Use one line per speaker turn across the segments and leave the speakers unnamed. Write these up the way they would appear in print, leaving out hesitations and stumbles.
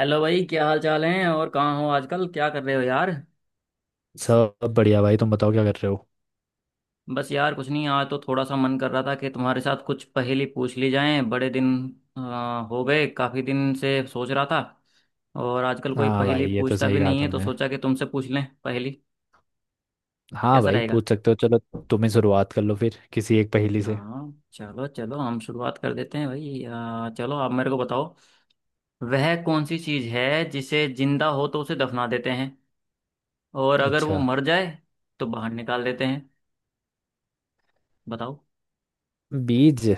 Hello भाई, क्या हाल चाल है? और कहाँ हो आजकल, क्या कर रहे हो यार?
सब बढ़िया भाई। तुम बताओ क्या कर रहे हो।
बस यार कुछ नहीं, आज तो थोड़ा सा मन कर रहा था कि तुम्हारे साथ कुछ पहेली पूछ ली जाए। बड़े दिन हो गए। काफी दिन से सोच रहा था। और आजकल कोई
हाँ
पहेली
भाई, ये तो
पूछता
सही
भी
कहा
नहीं है तो
तुमने।
सोचा कि तुमसे पूछ लें पहेली।
हाँ
कैसा
भाई,
रहेगा?
पूछ सकते हो, चलो। तुम ही शुरुआत कर लो फिर किसी एक पहेली से।
हाँ चलो चलो, हम शुरुआत कर देते हैं भाई। चलो आप मेरे को बताओ। वह कौन सी चीज है जिसे जिंदा हो तो उसे दफना देते हैं, और अगर वो
अच्छा।
मर जाए तो बाहर निकाल देते हैं? बताओ।
बीज।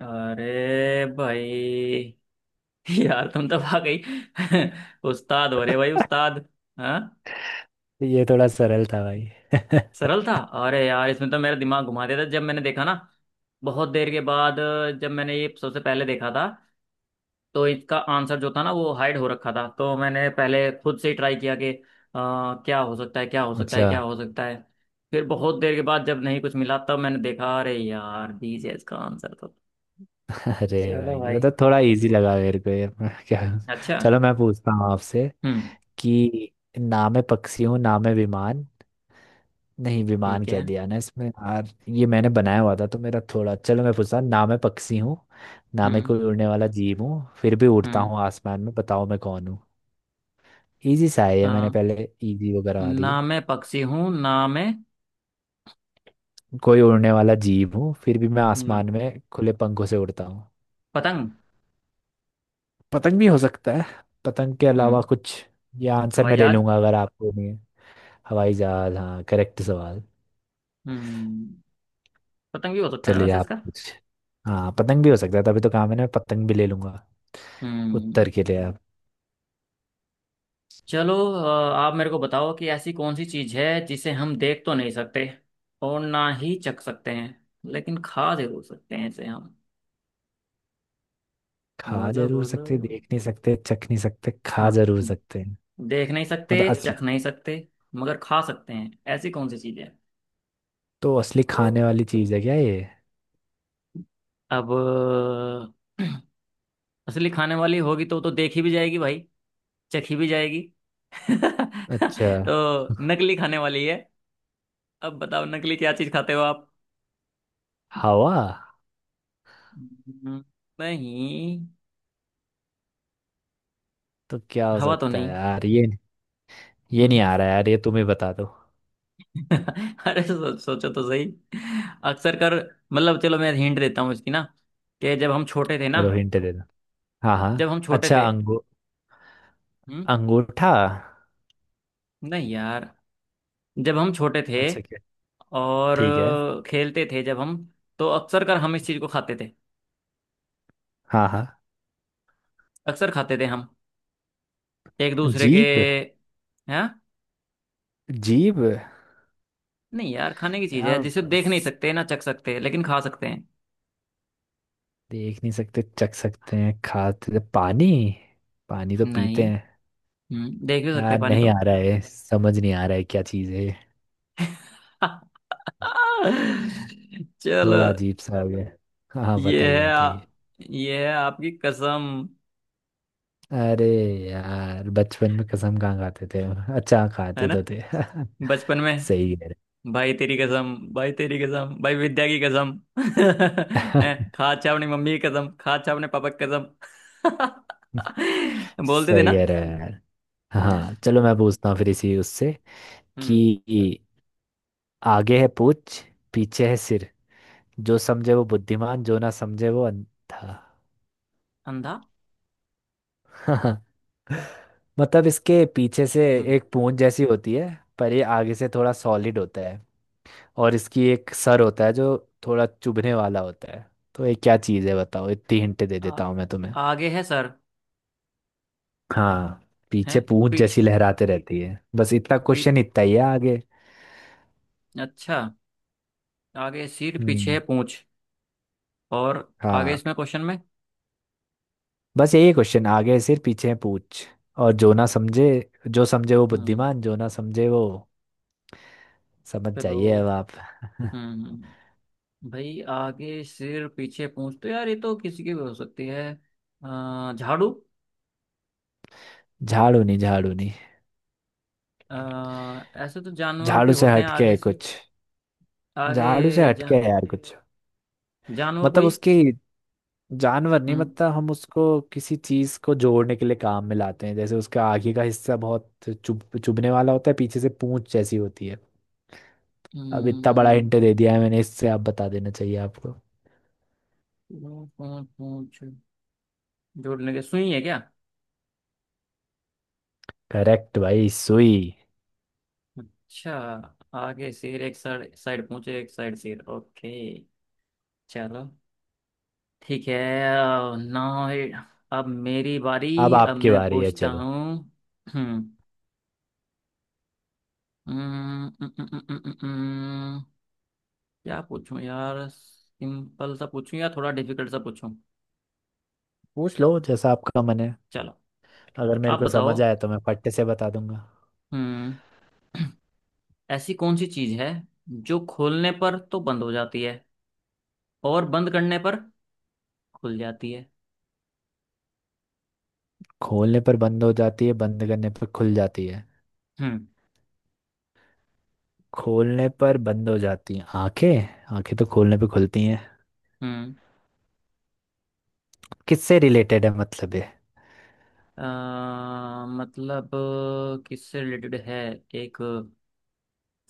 अरे भाई! यार तुम तो आ गई। उस्ताद हो रहे भाई, उस्ताद। हाँ।
ये थोड़ा सरल था भाई।
सरल था। अरे यार, इसमें तो मेरा दिमाग घुमा देता जब मैंने देखा ना। बहुत देर के बाद, जब मैंने ये सबसे पहले देखा था, तो इसका आंसर जो था ना वो हाइड हो रखा था। तो मैंने पहले खुद से ही ट्राई किया कि क्या हो सकता है, क्या हो सकता है,
अच्छा।
क्या हो सकता है। फिर बहुत देर के बाद जब नहीं कुछ मिला, तब मैंने देखा अरे यार दीजिए इसका आंसर तो।
अरे
चलो
भाई, ये
भाई।
तो थोड़ा इजी लगा मेरे को ये। क्या।
अच्छा।
चलो मैं पूछता हूँ आपसे
हम्म।
कि ना मैं पक्षी हूँ ना मैं विमान। नहीं, विमान
ठीक है।
कह दिया ना इसमें यार। ये मैंने बनाया हुआ था तो मेरा थोड़ा। चलो मैं पूछता हूँ, ना मैं पक्षी हूँ ना मैं
हम्म।
कोई उड़ने वाला जीव हूँ फिर भी उड़ता
हम्म।
हूँ आसमान में, बताओ मैं कौन हूँ। इजी सा है ये, मैंने
आ,
पहले इजी वगैरह आ दिए।
ना मैं पक्षी हूँ ना मैं,
कोई उड़ने वाला जीव हूँ फिर भी मैं
ना।
आसमान में खुले पंखों से उड़ता हूँ।
पतंग।
पतंग भी हो सकता है। पतंग के अलावा
हम्म।
कुछ? ये आंसर
हवाई
मैं ले
जहाज।
लूंगा अगर आपको नहीं है। हवाई जहाज, हाँ करेक्ट सवाल।
हम्म। पतंग भी हो सकता है ना
चलिए
वैसे
आप
इसका।
कुछ। हाँ पतंग भी हो सकता है, तभी तो काम है ना, पतंग भी ले लूंगा
हम्म।
उत्तर के लिए।
चलो आप मेरे को बताओ कि ऐसी कौन सी चीज है जिसे हम देख तो नहीं सकते, और ना ही चख सकते हैं, लेकिन खा जरूर सकते हैं इसे हम।
खा
बोलो
जरूर
बोलो।
सकते, देख नहीं सकते, चख नहीं सकते, खा
हाँ।
जरूर सकते हैं।
देख नहीं सकते,
मतलब असली?
चख नहीं सकते, मगर खा सकते हैं। ऐसी कौन सी चीज है?
तो असली तो खाने वाली चीज है क्या ये?
अब। असली खाने वाली होगी तो देखी भी जाएगी भाई। चखी भी जाएगी।
अच्छा।
तो नकली खाने वाली है। अब बताओ नकली क्या चीज खाते हो आप।
हवा?
हम्म, नहीं।
तो क्या हो
हवा तो
सकता है
नहीं।
यार ये? ये
हम्म।
नहीं आ रहा है यार, ये तुम ही बता दो।
अरे सोचो तो सही। अक्सर कर, मतलब चलो मैं हिंट देता हूँ इसकी ना। कि जब हम छोटे थे ना।
चलो हिंट दे दो। हाँ हाँ
जब हम छोटे
अच्छा।
थे। हम्म।
अंगूठा।
नहीं यार। जब हम छोटे थे
अच्छा क्या?
और
ठीक है।
खेलते थे जब हम, तो अक्सर कर हम इस चीज को खाते थे।
हाँ हाँ।
अक्सर खाते थे हम एक दूसरे के।
जीभ।
हैं?
जीभ।
नहीं यार, खाने की चीज है
यार
जिसे देख नहीं
बस,
सकते, ना चख सकते, लेकिन खा सकते हैं।
देख नहीं सकते, चख सकते हैं, खाते। पानी। पानी तो पीते
नहीं।
हैं।
हम्म, देख भी सकते
यार
हैं पानी
नहीं
तो।
आ रहा है, समझ नहीं आ रहा है क्या चीज़ है।
चलो।
थोड़ा अजीब सा हो गया। हाँ हाँ,
ये
बताइए
है आ,
बताइए।
ये है आपकी कसम।
अरे यार बचपन में कसम कहाँ खाते थे हम? अच्छा,
है
खाते
ना?
तो थे।
बचपन में।
सही कह
भाई तेरी कसम, भाई तेरी कसम, भाई विद्या की कसम।
रहे
हैं, खा। अच्छा अपनी मम्मी की कसम खा, अच्छा अपने पापा की कसम। बोलते थे
सही
ना।
कह रहे हो यार। हाँ चलो मैं पूछता हूँ फिर इसी उससे
हम्म।
कि आगे है पूछ, पीछे है सिर, जो समझे वो बुद्धिमान, जो ना समझे वो अंधा।
अंधा।
मतलब इसके पीछे से
हम्म।
एक पूंछ जैसी होती है, पर ये आगे से थोड़ा सॉलिड होता है और इसकी एक सर होता है जो थोड़ा चुभने वाला होता है। तो ये क्या चीज़ है बताओ, इतनी हिंट दे
आ,
देता हूँ मैं तुम्हें।
आगे है सर,
हाँ,
है
पीछे पूंछ जैसी
पीछे,
लहराते रहती है, बस इतना
पीछे।
क्वेश्चन, इतना ही है। आगे,
अच्छा। आगे सिर
हम्म,
पीछे पूंछ। और आगे
हाँ,
इसमें क्वेश्चन में।
बस यही क्वेश्चन, आगे है सिर, पीछे है पूंछ। और जो ना समझे, जो समझे वो
हम्म।
बुद्धिमान, जो ना समझे वो, समझ
चलो।
जाइए अब आप।
हम्म। हम्म। भाई, आगे सिर पीछे पूंछ तो यार ये तो किसी की भी हो सकती है। झाड़ू।
झाड़ू नहीं, झाड़ू नहीं।
ऐसे तो जानवर भी
झाड़ू से
होते हैं
हटके
आगे
है
से।
कुछ।
आगे
झाड़ू से
जा,
हटके है यार कुछ।
जानवर
मतलब
कोई।
उसकी, जानवर नहीं,
हम्म।
मतलब हम उसको किसी चीज को जोड़ने के लिए काम में लाते हैं, जैसे उसका आगे का हिस्सा बहुत चुभने वाला होता है, पीछे से पूंछ जैसी होती है। अब इतना बड़ा
हम्म।
हिंट दे दिया है मैंने, इससे आप बता देना चाहिए आपको।
पूंछ! पूंछ पूंछ। जोड़ने के सुई है क्या?
करेक्ट भाई, सुई।
अच्छा। आगे सिर एक साइड, पूंछ एक साइड सिर। ओके। चलो। ठीक है। नाउ। अब मेरी
अब
बारी, अब
आपकी
मैं
बारी है,
पूछता हूँ।
चलो।
हम्म। हम्म। क्या पूछूं यार, सिंपल सा पूछूं या थोड़ा डिफिकल्ट सा पूछूं?
पूछ लो जैसा आपका मन है।
चलो
अगर मेरे
आप
को
बताओ।
समझ आया तो मैं फट्टे से बता दूंगा।
हम्म। ऐसी कौन सी चीज़ है जो खोलने पर तो बंद हो जाती है, और बंद करने पर खुल जाती है?
खोलने पर बंद हो जाती है, बंद करने पर खुल जाती है?
हम्म।
खोलने पर बंद हो जाती है, आंखें? आंखें तो खोलने पे खुलती हैं।
हम्म।
किससे रिलेटेड है मतलब ये?
मतलब किससे रिलेटेड है, एक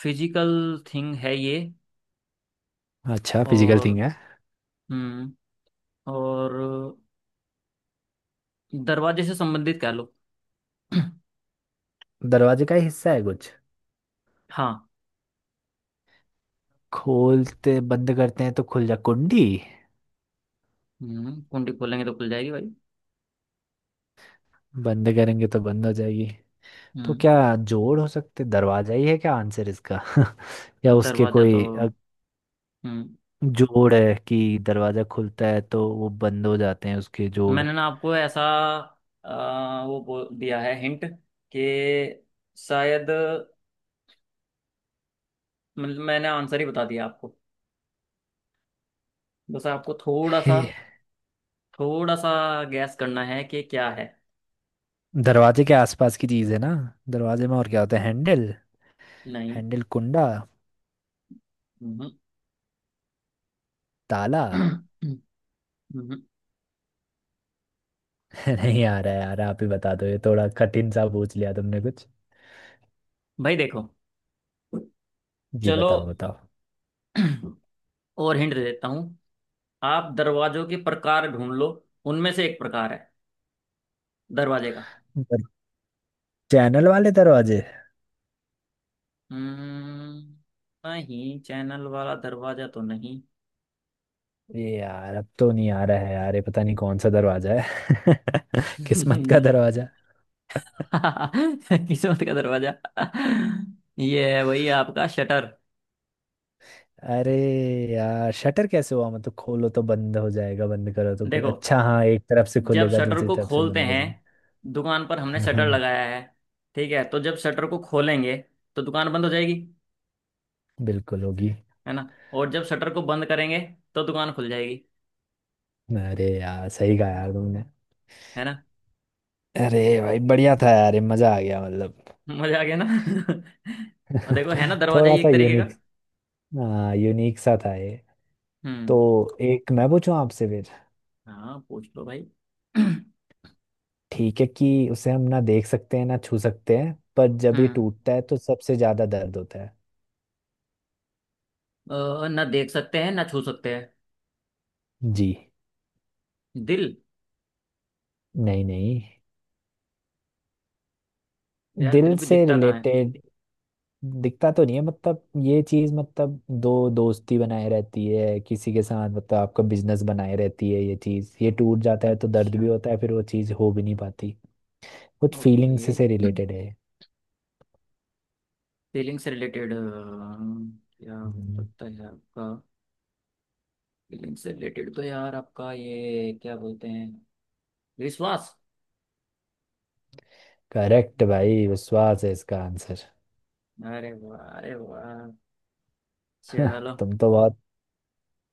फिजिकल थिंग है ये।
अच्छा फिजिकल
और
थिंग है।
हम्म और दरवाजे से संबंधित कह लो।
दरवाजे का ही हिस्सा है कुछ?
हाँ।
खोलते बंद करते हैं तो खुल जा, कुंडी?
हम्म। कुंडी खोलेंगे तो खुल जाएगी भाई।
बंद करेंगे तो बंद हो जाएगी। तो
हम्म।
क्या जोड़ हो सकते, दरवाजा ही है क्या आंसर इसका? या उसके
दरवाजा तो।
कोई
हम्म।
जोड़ है कि दरवाजा खुलता है तो वो बंद हो जाते हैं उसके जोड़?
मैंने ना आपको ऐसा दिया है हिंट कि शायद, मतलब मैंने आंसर ही बता दिया आपको। बस आपको
हे,
थोड़ा सा गैस करना है कि क्या है।
दरवाजे के आसपास की चीज है ना। दरवाजे में और क्या होता है, हैंडल?
नहीं।
हैंडल, कुंडा,
हम्म,
ताला।
हम्म,
नहीं आ रहा है यार, आप ही बता दो, ये थोड़ा कठिन सा पूछ लिया तुमने कुछ।
भाई देखो।
जी
चलो।
बताओ बताओ।
और हिंट दे देता हूँ। आप दरवाजों के प्रकार ढूंढ लो। उनमें से एक प्रकार है दरवाजे का।
चैनल वाले दरवाजे?
हम्म। नहीं, चैनल वाला दरवाजा तो नहीं।
ये यार अब तो नहीं आ रहा है यार ये, पता नहीं कौन सा दरवाजा है। किस्मत का दरवाजा।
किस्मत का दरवाजा। ये है वही आपका शटर।
अरे यार शटर कैसे हुआ? मतलब खोलो तो बंद हो जाएगा, बंद करो तो खुल।
देखो,
अच्छा हाँ, एक तरफ से
जब
खुलेगा,
शटर
दूसरी
को
तरफ से
खोलते
बंद हो
हैं,
जाएगा।
दुकान पर हमने
हाँ
शटर
हाँ,
लगाया है, ठीक है? तो जब शटर को खोलेंगे तो दुकान बंद हो जाएगी।
बिल्कुल होगी।
है ना? और जब शटर को बंद करेंगे तो दुकान खुल जाएगी।
अरे यार सही कहा यार तुमने।
है ना?
अरे भाई बढ़िया था यार, ये मजा आ गया मतलब।
मजा आ गया ना। और देखो, है ना, दरवाजा
थोड़ा
ही
सा
एक तरीके का।
यूनिक। हाँ यूनिक सा था ये। तो
हम्म।
एक मैं पूछूं आपसे।
हाँ, पूछ लो भाई।
ठीक है कि उसे हम ना देख सकते हैं ना छू सकते हैं, पर जब ये
हम्म।
टूटता है तो सबसे ज्यादा दर्द होता है।
ना देख सकते हैं ना छू सकते हैं।
जी।
दिल।
नहीं नहीं।
यार
दिल
दिल भी
से
दिखता कहाँ है।
रिलेटेड? दिखता तो नहीं है, मतलब ये चीज, मतलब दो दोस्ती बनाए रहती है किसी के साथ, मतलब आपका बिजनेस बनाए रहती है ये चीज, ये टूट जाता है तो दर्द भी
अच्छा।
होता है, फिर वो चीज हो भी नहीं पाती। कुछ
ओके।
फीलिंग से रिलेटेड है।
फीलिंग से रिलेटेड क्या हो
हम्म।
सकता है आपका? फीलिंग से रिलेटेड तो यार आपका ये क्या बोलते हैं, विश्वास।
करेक्ट भाई, विश्वास है इसका आंसर।
अरे वाह! अरे वाह! चलो।
तुम तो बहुत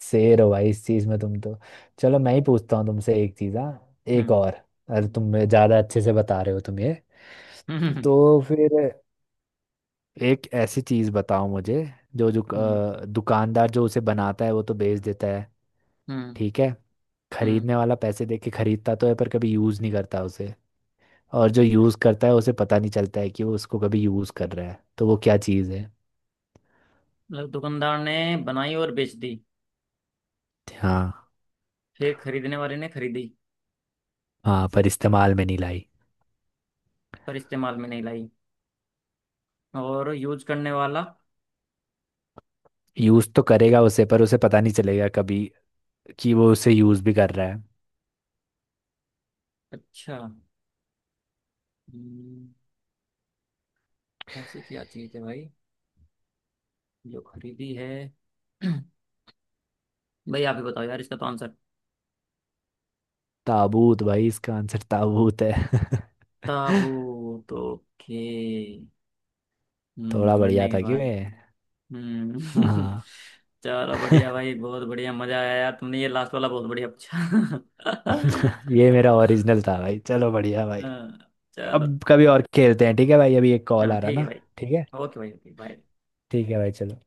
शेर हो भाई इस चीज में तुम तो। चलो मैं ही पूछता हूँ तुमसे एक चीज, हाँ, एक
हम्म।
और। अरे तुम ज्यादा अच्छे से बता रहे हो तुम ये।
हम्म।
तो फिर एक ऐसी चीज बताओ मुझे, जो जो
हम्म।
दुकानदार जो उसे बनाता है वो तो बेच देता है,
हम्म।
ठीक है?
हम्म।
खरीदने वाला पैसे दे के खरीदता तो है पर कभी यूज नहीं करता उसे। और जो यूज करता है उसे पता नहीं चलता है कि वो उसको कभी यूज कर रहा है, तो वो क्या चीज है?
मतलब दुकानदार ने बनाई और बेच दी।
हाँ।
फिर खरीदने वाले ने खरीदी,
हाँ पर इस्तेमाल में नहीं लाई।
पर इस्तेमाल में नहीं लाई। और यूज करने वाला।
यूज तो करेगा उसे पर उसे पता नहीं चलेगा कभी, कि वो उसे यूज भी कर रहा है।
अच्छा। हम्म, ऐसी क्या चीज है भाई जो खरीदी है? भाई आप ही बताओ यार इसका तो आंसर।
ताबूत भाई, इसका आंसर ताबूत है।
ताबूत! ओके।
थोड़ा
हम्म।
बढ़िया
मरने के
था कि
बाद।
मैं।
हम्म।
हाँ।
चलो बढ़िया भाई, बहुत बढ़िया। मजा आया यार, तुमने ये लास्ट वाला बहुत बढ़िया पूछा।
ये मेरा ओरिजिनल था भाई, चलो बढ़िया भाई।
हाँ, चलो।
अब कभी और खेलते हैं, ठीक है भाई, अभी एक कॉल
हाँ
आ रहा
ठीक है
ना।
भाई।
ठीक है।
ओके भाई, ओके, बाय।
ठीक है भाई चलो।